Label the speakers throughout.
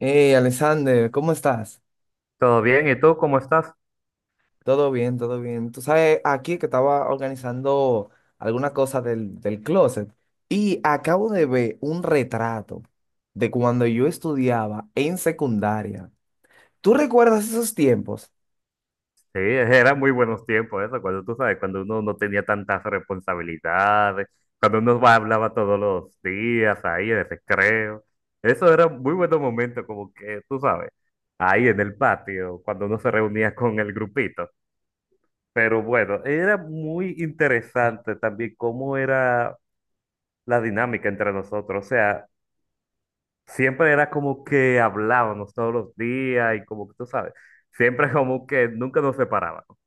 Speaker 1: Hey, Alexander, ¿cómo estás?
Speaker 2: ¿Todo bien? ¿Y tú cómo estás?
Speaker 1: Todo bien, todo bien. Tú sabes, aquí que estaba organizando alguna cosa del closet y acabo de ver un retrato de cuando yo estudiaba en secundaria. ¿Tú recuerdas esos tiempos?
Speaker 2: Sí, eran muy buenos tiempos eso, cuando tú sabes, cuando uno no tenía tantas responsabilidades, cuando hablaba todos los días ahí en el recreo. Eso era un muy buenos momentos, como que tú sabes, ahí en el patio, cuando uno se reunía con el grupito. Pero bueno, era muy interesante también cómo era la dinámica entre nosotros. O sea, siempre era como que hablábamos todos los días y como que tú sabes, siempre como que nunca nos separábamos.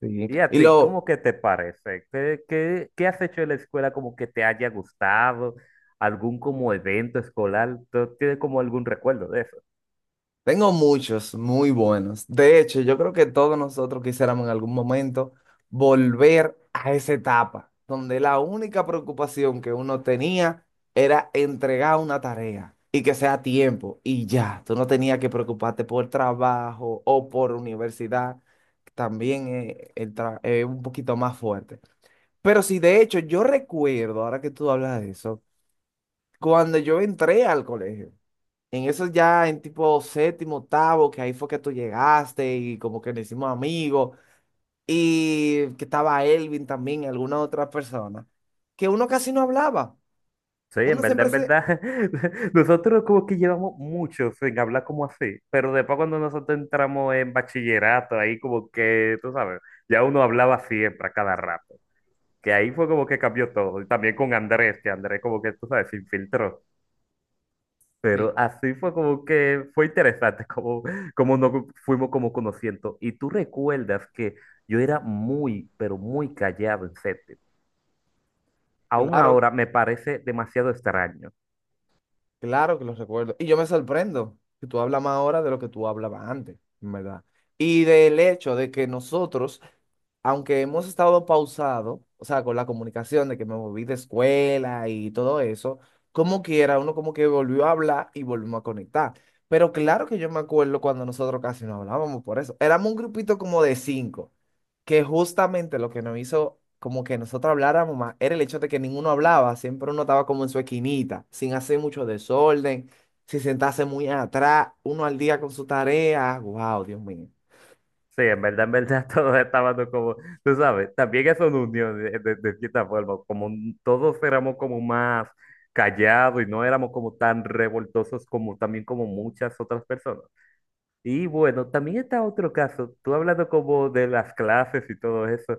Speaker 1: Sí.
Speaker 2: ¿Y a ti, cómo que te parece? ¿Qué has hecho en la escuela como que te haya gustado? ¿Algún como evento escolar? ¿Tú tienes como algún recuerdo de eso?
Speaker 1: Tengo muchos muy buenos. De hecho, yo creo que todos nosotros quisiéramos en algún momento volver a esa etapa donde la única preocupación que uno tenía era entregar una tarea y que sea a tiempo y ya. Tú no tenías que preocuparte por trabajo o por universidad. También es un poquito más fuerte. Pero sí, de hecho, yo recuerdo, ahora que tú hablas de eso, cuando yo entré al colegio. En eso ya en tipo séptimo, octavo, que ahí fue que tú llegaste y como que nos hicimos amigos y que estaba Elvin también y alguna otra persona, que uno casi no hablaba.
Speaker 2: Sí, en
Speaker 1: Uno
Speaker 2: verdad,
Speaker 1: siempre
Speaker 2: en
Speaker 1: se...
Speaker 2: verdad, nosotros como que llevamos mucho sin hablar como así, pero después cuando nosotros entramos en bachillerato, ahí como que, tú sabes, ya uno hablaba siempre, a cada rato, que ahí fue como que cambió todo, y también con Andrés, que Andrés como que, tú sabes, se infiltró. Pero
Speaker 1: Sí,
Speaker 2: así fue como que fue interesante, como, como nos fuimos como conociendo. Y tú recuerdas que yo era muy, pero muy callado en séptimo. Aún
Speaker 1: claro
Speaker 2: ahora me parece demasiado extraño.
Speaker 1: Claro que los recuerdo. Y yo me sorprendo que tú hablas más ahora de lo que tú hablabas antes, en verdad. Y del hecho de que nosotros, aunque hemos estado pausado, o sea, con la comunicación de que me moví de escuela y todo eso, como quiera, uno como que volvió a hablar y volvimos a conectar. Pero claro que yo me acuerdo cuando nosotros casi no hablábamos por eso. Éramos un grupito como de cinco que justamente lo que nos hizo como que nosotros habláramos más era el hecho de que ninguno hablaba, siempre uno estaba como en su esquinita, sin hacer mucho desorden, sin sentarse muy atrás, uno al día con su tarea. Wow, Dios mío.
Speaker 2: Sí, en verdad, todos estábamos como, tú sabes, también es una unión de cierta forma, todos éramos como más callados y no éramos como tan revoltosos como también como muchas otras personas. Y bueno, también está otro caso, tú hablando como de las clases y todo eso,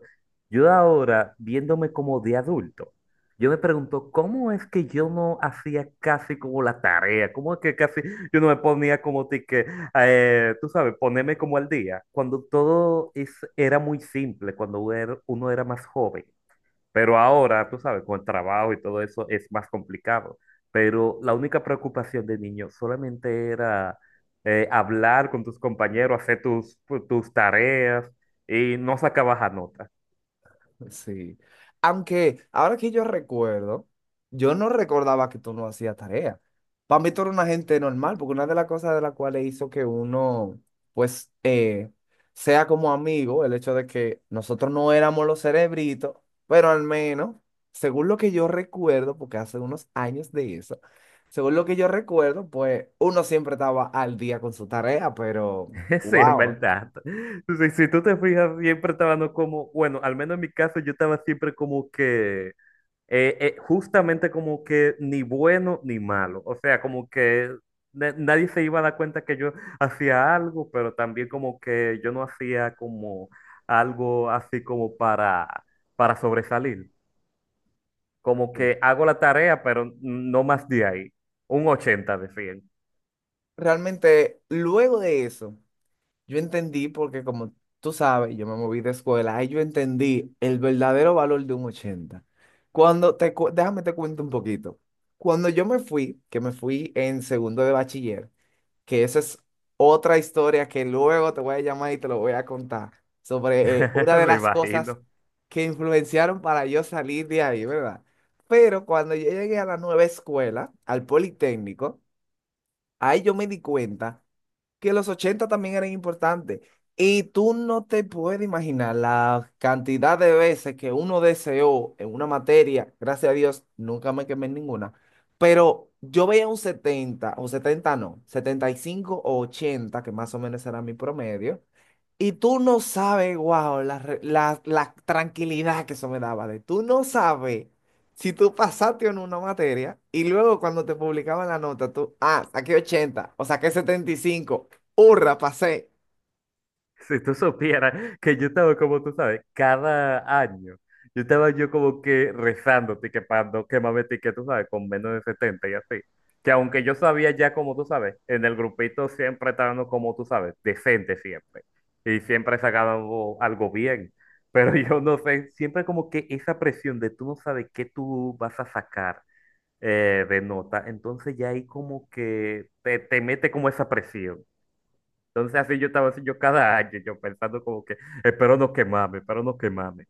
Speaker 2: yo ahora viéndome como de adulto, yo me pregunto, ¿cómo es que yo no hacía casi como la tarea? ¿Cómo es que casi yo no me ponía como ti que, tú sabes, ponerme como al día, cuando todo era muy simple, cuando era uno era más joven? Pero ahora, tú sabes, con el trabajo y todo eso es más complicado. Pero la única preocupación de niño solamente era hablar con tus compañeros, hacer tus tareas y no sacabas a nota.
Speaker 1: Sí. Aunque ahora que yo recuerdo, yo no recordaba que tú no hacías tarea. Para mí tú eres una gente normal, porque una de las cosas de las cuales hizo que uno, pues, sea como amigo, el hecho de que nosotros no éramos los cerebritos, pero al menos, según lo que yo recuerdo, porque hace unos años de eso, según lo que yo recuerdo, pues uno siempre estaba al día con su tarea, pero,
Speaker 2: Sí, en
Speaker 1: wow.
Speaker 2: verdad. Entonces, si tú te fijas, siempre estaba no como, bueno, al menos en mi caso, yo estaba siempre como que justamente como que ni bueno ni malo. O sea, como que nadie se iba a dar cuenta que yo hacía algo, pero también como que yo no hacía como algo así como para sobresalir. Como
Speaker 1: Sí.
Speaker 2: que hago la tarea, pero no más de ahí. Un 80 de 100,
Speaker 1: Realmente, luego de eso. Yo entendí porque como tú sabes, yo me moví de escuela, ahí yo entendí el verdadero valor de un 80. Déjame te cuento un poquito. Cuando yo me fui, que me fui en segundo de bachiller, que esa es otra historia que luego te voy a llamar y te lo voy a contar sobre una de
Speaker 2: me
Speaker 1: las cosas
Speaker 2: imagino.
Speaker 1: que influenciaron para yo salir de ahí, ¿verdad? Pero cuando yo llegué a la nueva escuela, al Politécnico, ahí yo me di cuenta que los 80 también eran importantes. Y tú no te puedes imaginar la cantidad de veces que uno deseó en una materia, gracias a Dios, nunca me quemé en ninguna, pero yo veía un 70 o 70 no, 75 o 80 que más o menos era mi promedio, y tú no sabes, wow, la, la tranquilidad que eso me daba de tú no sabes si tú pasaste en una materia y luego cuando te publicaban la nota, tú, ah, saqué 80 o saqué 75, hurra, pasé.
Speaker 2: Si tú supieras que yo estaba, como tú sabes, cada año, yo estaba yo como que rezando, que para no quemarme ticket, tú sabes, con menos de 70 y así. Que aunque yo sabía ya, como tú sabes, en el grupito siempre estábamos, como tú sabes, decente siempre. Y siempre sacaban algo, algo bien. Pero yo no sé, siempre como que esa presión de tú no sabes qué tú vas a sacar de nota, entonces ya ahí como que te mete como esa presión. Entonces así yo estaba así yo cada año, yo pensando como que espero no quemarme, espero no quemarme.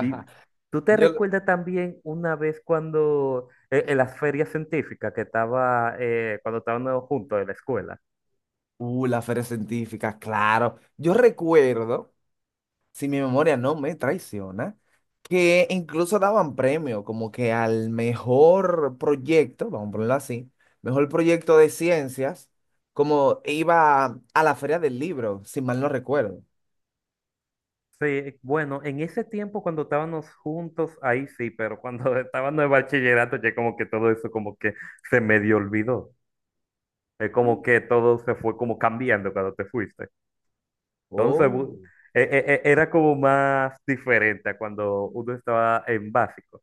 Speaker 2: Y tú te
Speaker 1: Yo,
Speaker 2: recuerdas también una vez cuando en las ferias científicas que estaba, cuando estábamos juntos en la escuela.
Speaker 1: la feria científica, claro. Yo recuerdo si mi memoria no me traiciona, que incluso daban premio como que al mejor proyecto, vamos a ponerlo así, mejor proyecto de ciencias, como iba a la Feria del Libro, si mal no recuerdo.
Speaker 2: Sí, bueno, en ese tiempo cuando estábamos juntos, ahí sí, pero cuando estábamos en bachillerato ya como que todo eso como que se medio olvidó. Es como que todo se fue como cambiando cuando te fuiste. Entonces,
Speaker 1: Oh.
Speaker 2: era como más diferente a cuando uno estaba en básico.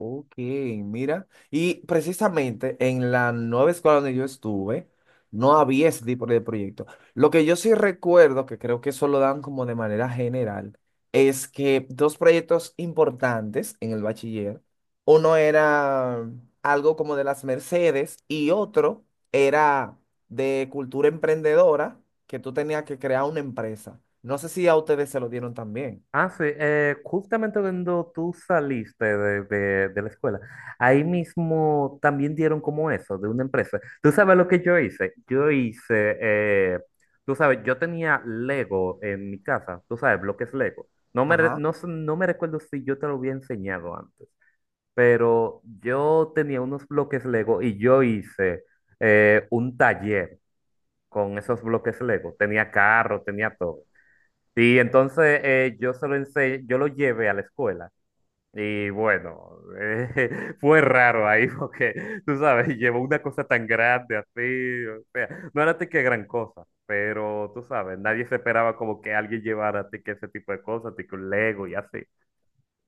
Speaker 1: Ok, mira. Y precisamente en la nueva escuela donde yo estuve, no había ese tipo de proyecto. Lo que yo sí recuerdo, que creo que eso lo dan como de manera general, es que dos proyectos importantes en el bachiller, uno era algo como de las Mercedes y otro era de cultura emprendedora, que tú tenías que crear una empresa. No sé si a ustedes se lo dieron también.
Speaker 2: Ah, sí, justamente cuando tú saliste de la escuela, ahí mismo también dieron como eso, de una empresa. ¿Tú sabes lo que yo hice? Yo hice, tú sabes, yo tenía Lego en mi casa, tú sabes, bloques Lego. No me, re-
Speaker 1: Ajá,
Speaker 2: no, sé- No me recuerdo si yo te lo había enseñado antes, pero yo tenía unos bloques Lego y yo hice un taller con esos bloques Lego. Tenía carro, tenía todo. Y entonces yo yo lo llevé a la escuela. Y bueno, fue raro ahí porque, tú sabes, llevó una cosa tan grande así, o sea, no era de que gran cosa, pero tú sabes, nadie se esperaba como que alguien llevara a que ese tipo de cosas, de que un Lego y así.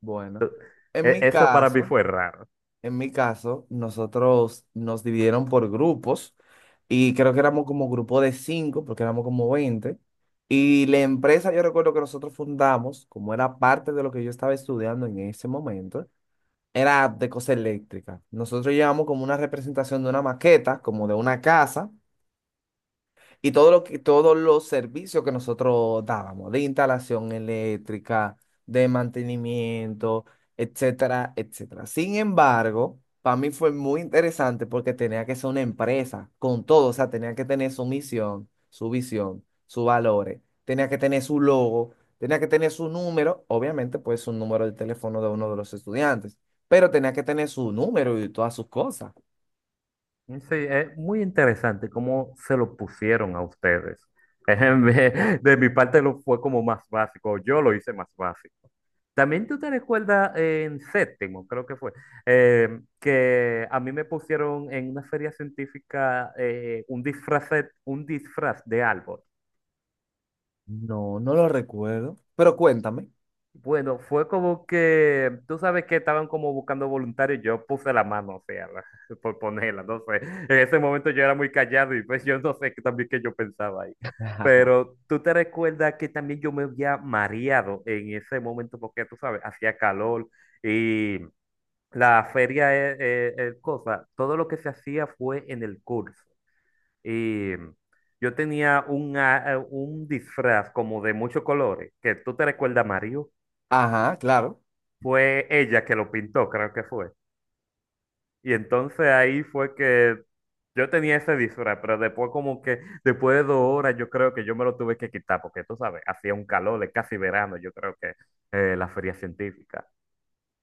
Speaker 1: bueno. En mi
Speaker 2: Eso para mí
Speaker 1: caso...
Speaker 2: fue raro.
Speaker 1: En mi caso, nosotros nos dividieron por grupos y creo que éramos como grupo de cinco, porque éramos como 20. Y la empresa, yo recuerdo que nosotros fundamos, como era parte de lo que yo estaba estudiando en ese momento, era de cosa eléctrica. Nosotros llevamos como una representación de una maqueta, como de una casa, y todo lo que, todos los servicios que nosotros dábamos, de instalación eléctrica, de mantenimiento, etcétera, etcétera. Sin embargo, para mí fue muy interesante porque tenía que ser una empresa con todo, o sea, tenía que tener su misión, su visión, sus valores, tenía que tener su logo, tenía que tener su número, obviamente, pues un número de teléfono de uno de los estudiantes, pero tenía que tener su número y todas sus cosas.
Speaker 2: Sí, es muy interesante cómo se lo pusieron a ustedes. De mi parte lo fue como más básico, yo lo hice más básico. También tú te recuerdas en séptimo, creo que fue, que a mí me pusieron en una feria científica un disfraz de árbol.
Speaker 1: No, no lo recuerdo, pero cuéntame.
Speaker 2: Bueno, fue como que, tú sabes que estaban como buscando voluntarios, yo puse la mano, o sea, por ponerla, no sé. En ese momento yo era muy callado y pues yo no sé qué también que yo pensaba ahí. Pero tú te recuerdas que también yo me había mareado en ese momento porque tú sabes, hacía calor y la feria es cosa, todo lo que se hacía fue en el curso. Y yo tenía un disfraz como de muchos colores, que tú te recuerdas, Mario
Speaker 1: Ajá, claro.
Speaker 2: fue ella que lo pintó, creo que fue. Y entonces ahí fue que yo tenía ese disfraz, pero después como que, después de 2 horas, yo creo que yo me lo tuve que quitar, porque tú sabes, hacía un calor de casi verano, yo creo que la feria científica.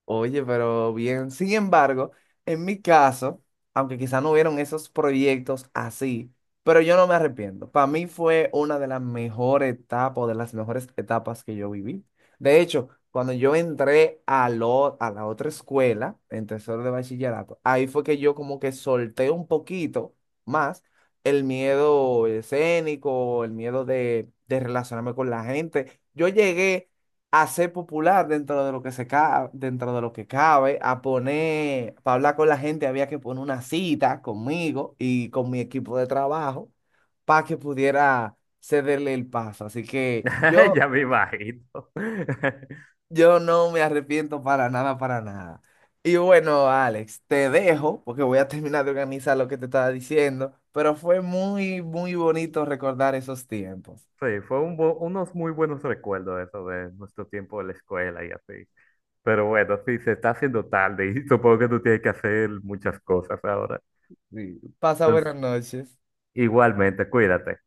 Speaker 1: Oye, pero bien. Sin embargo, en mi caso, aunque quizá no hubieron esos proyectos así, pero yo no me arrepiento. Para mí fue una de las mejores etapas, o de las mejores etapas que yo viví. De hecho, cuando yo entré a la otra escuela, en tercero de bachillerato, ahí fue que yo como que solté un poquito más el miedo escénico, el miedo de relacionarme con la gente. Yo llegué a ser popular dentro de lo que se cabe, dentro de lo que cabe, a poner, para hablar con la gente había que poner una cita conmigo y con mi equipo de trabajo para que pudiera cederle el paso. Así que yo,
Speaker 2: Ya me imagino.
Speaker 1: yo no me arrepiento para nada, para nada. Y bueno, Alex, te dejo porque voy a terminar de organizar lo que te estaba diciendo, pero fue muy, muy bonito recordar esos tiempos.
Speaker 2: Sí, fue unos muy buenos recuerdos eso de nuestro tiempo de la escuela y así. Pero bueno, sí, se está haciendo tarde y supongo que tú tienes que hacer muchas cosas ahora.
Speaker 1: Sí. Pasa
Speaker 2: Entonces,
Speaker 1: buenas noches.
Speaker 2: igualmente, cuídate.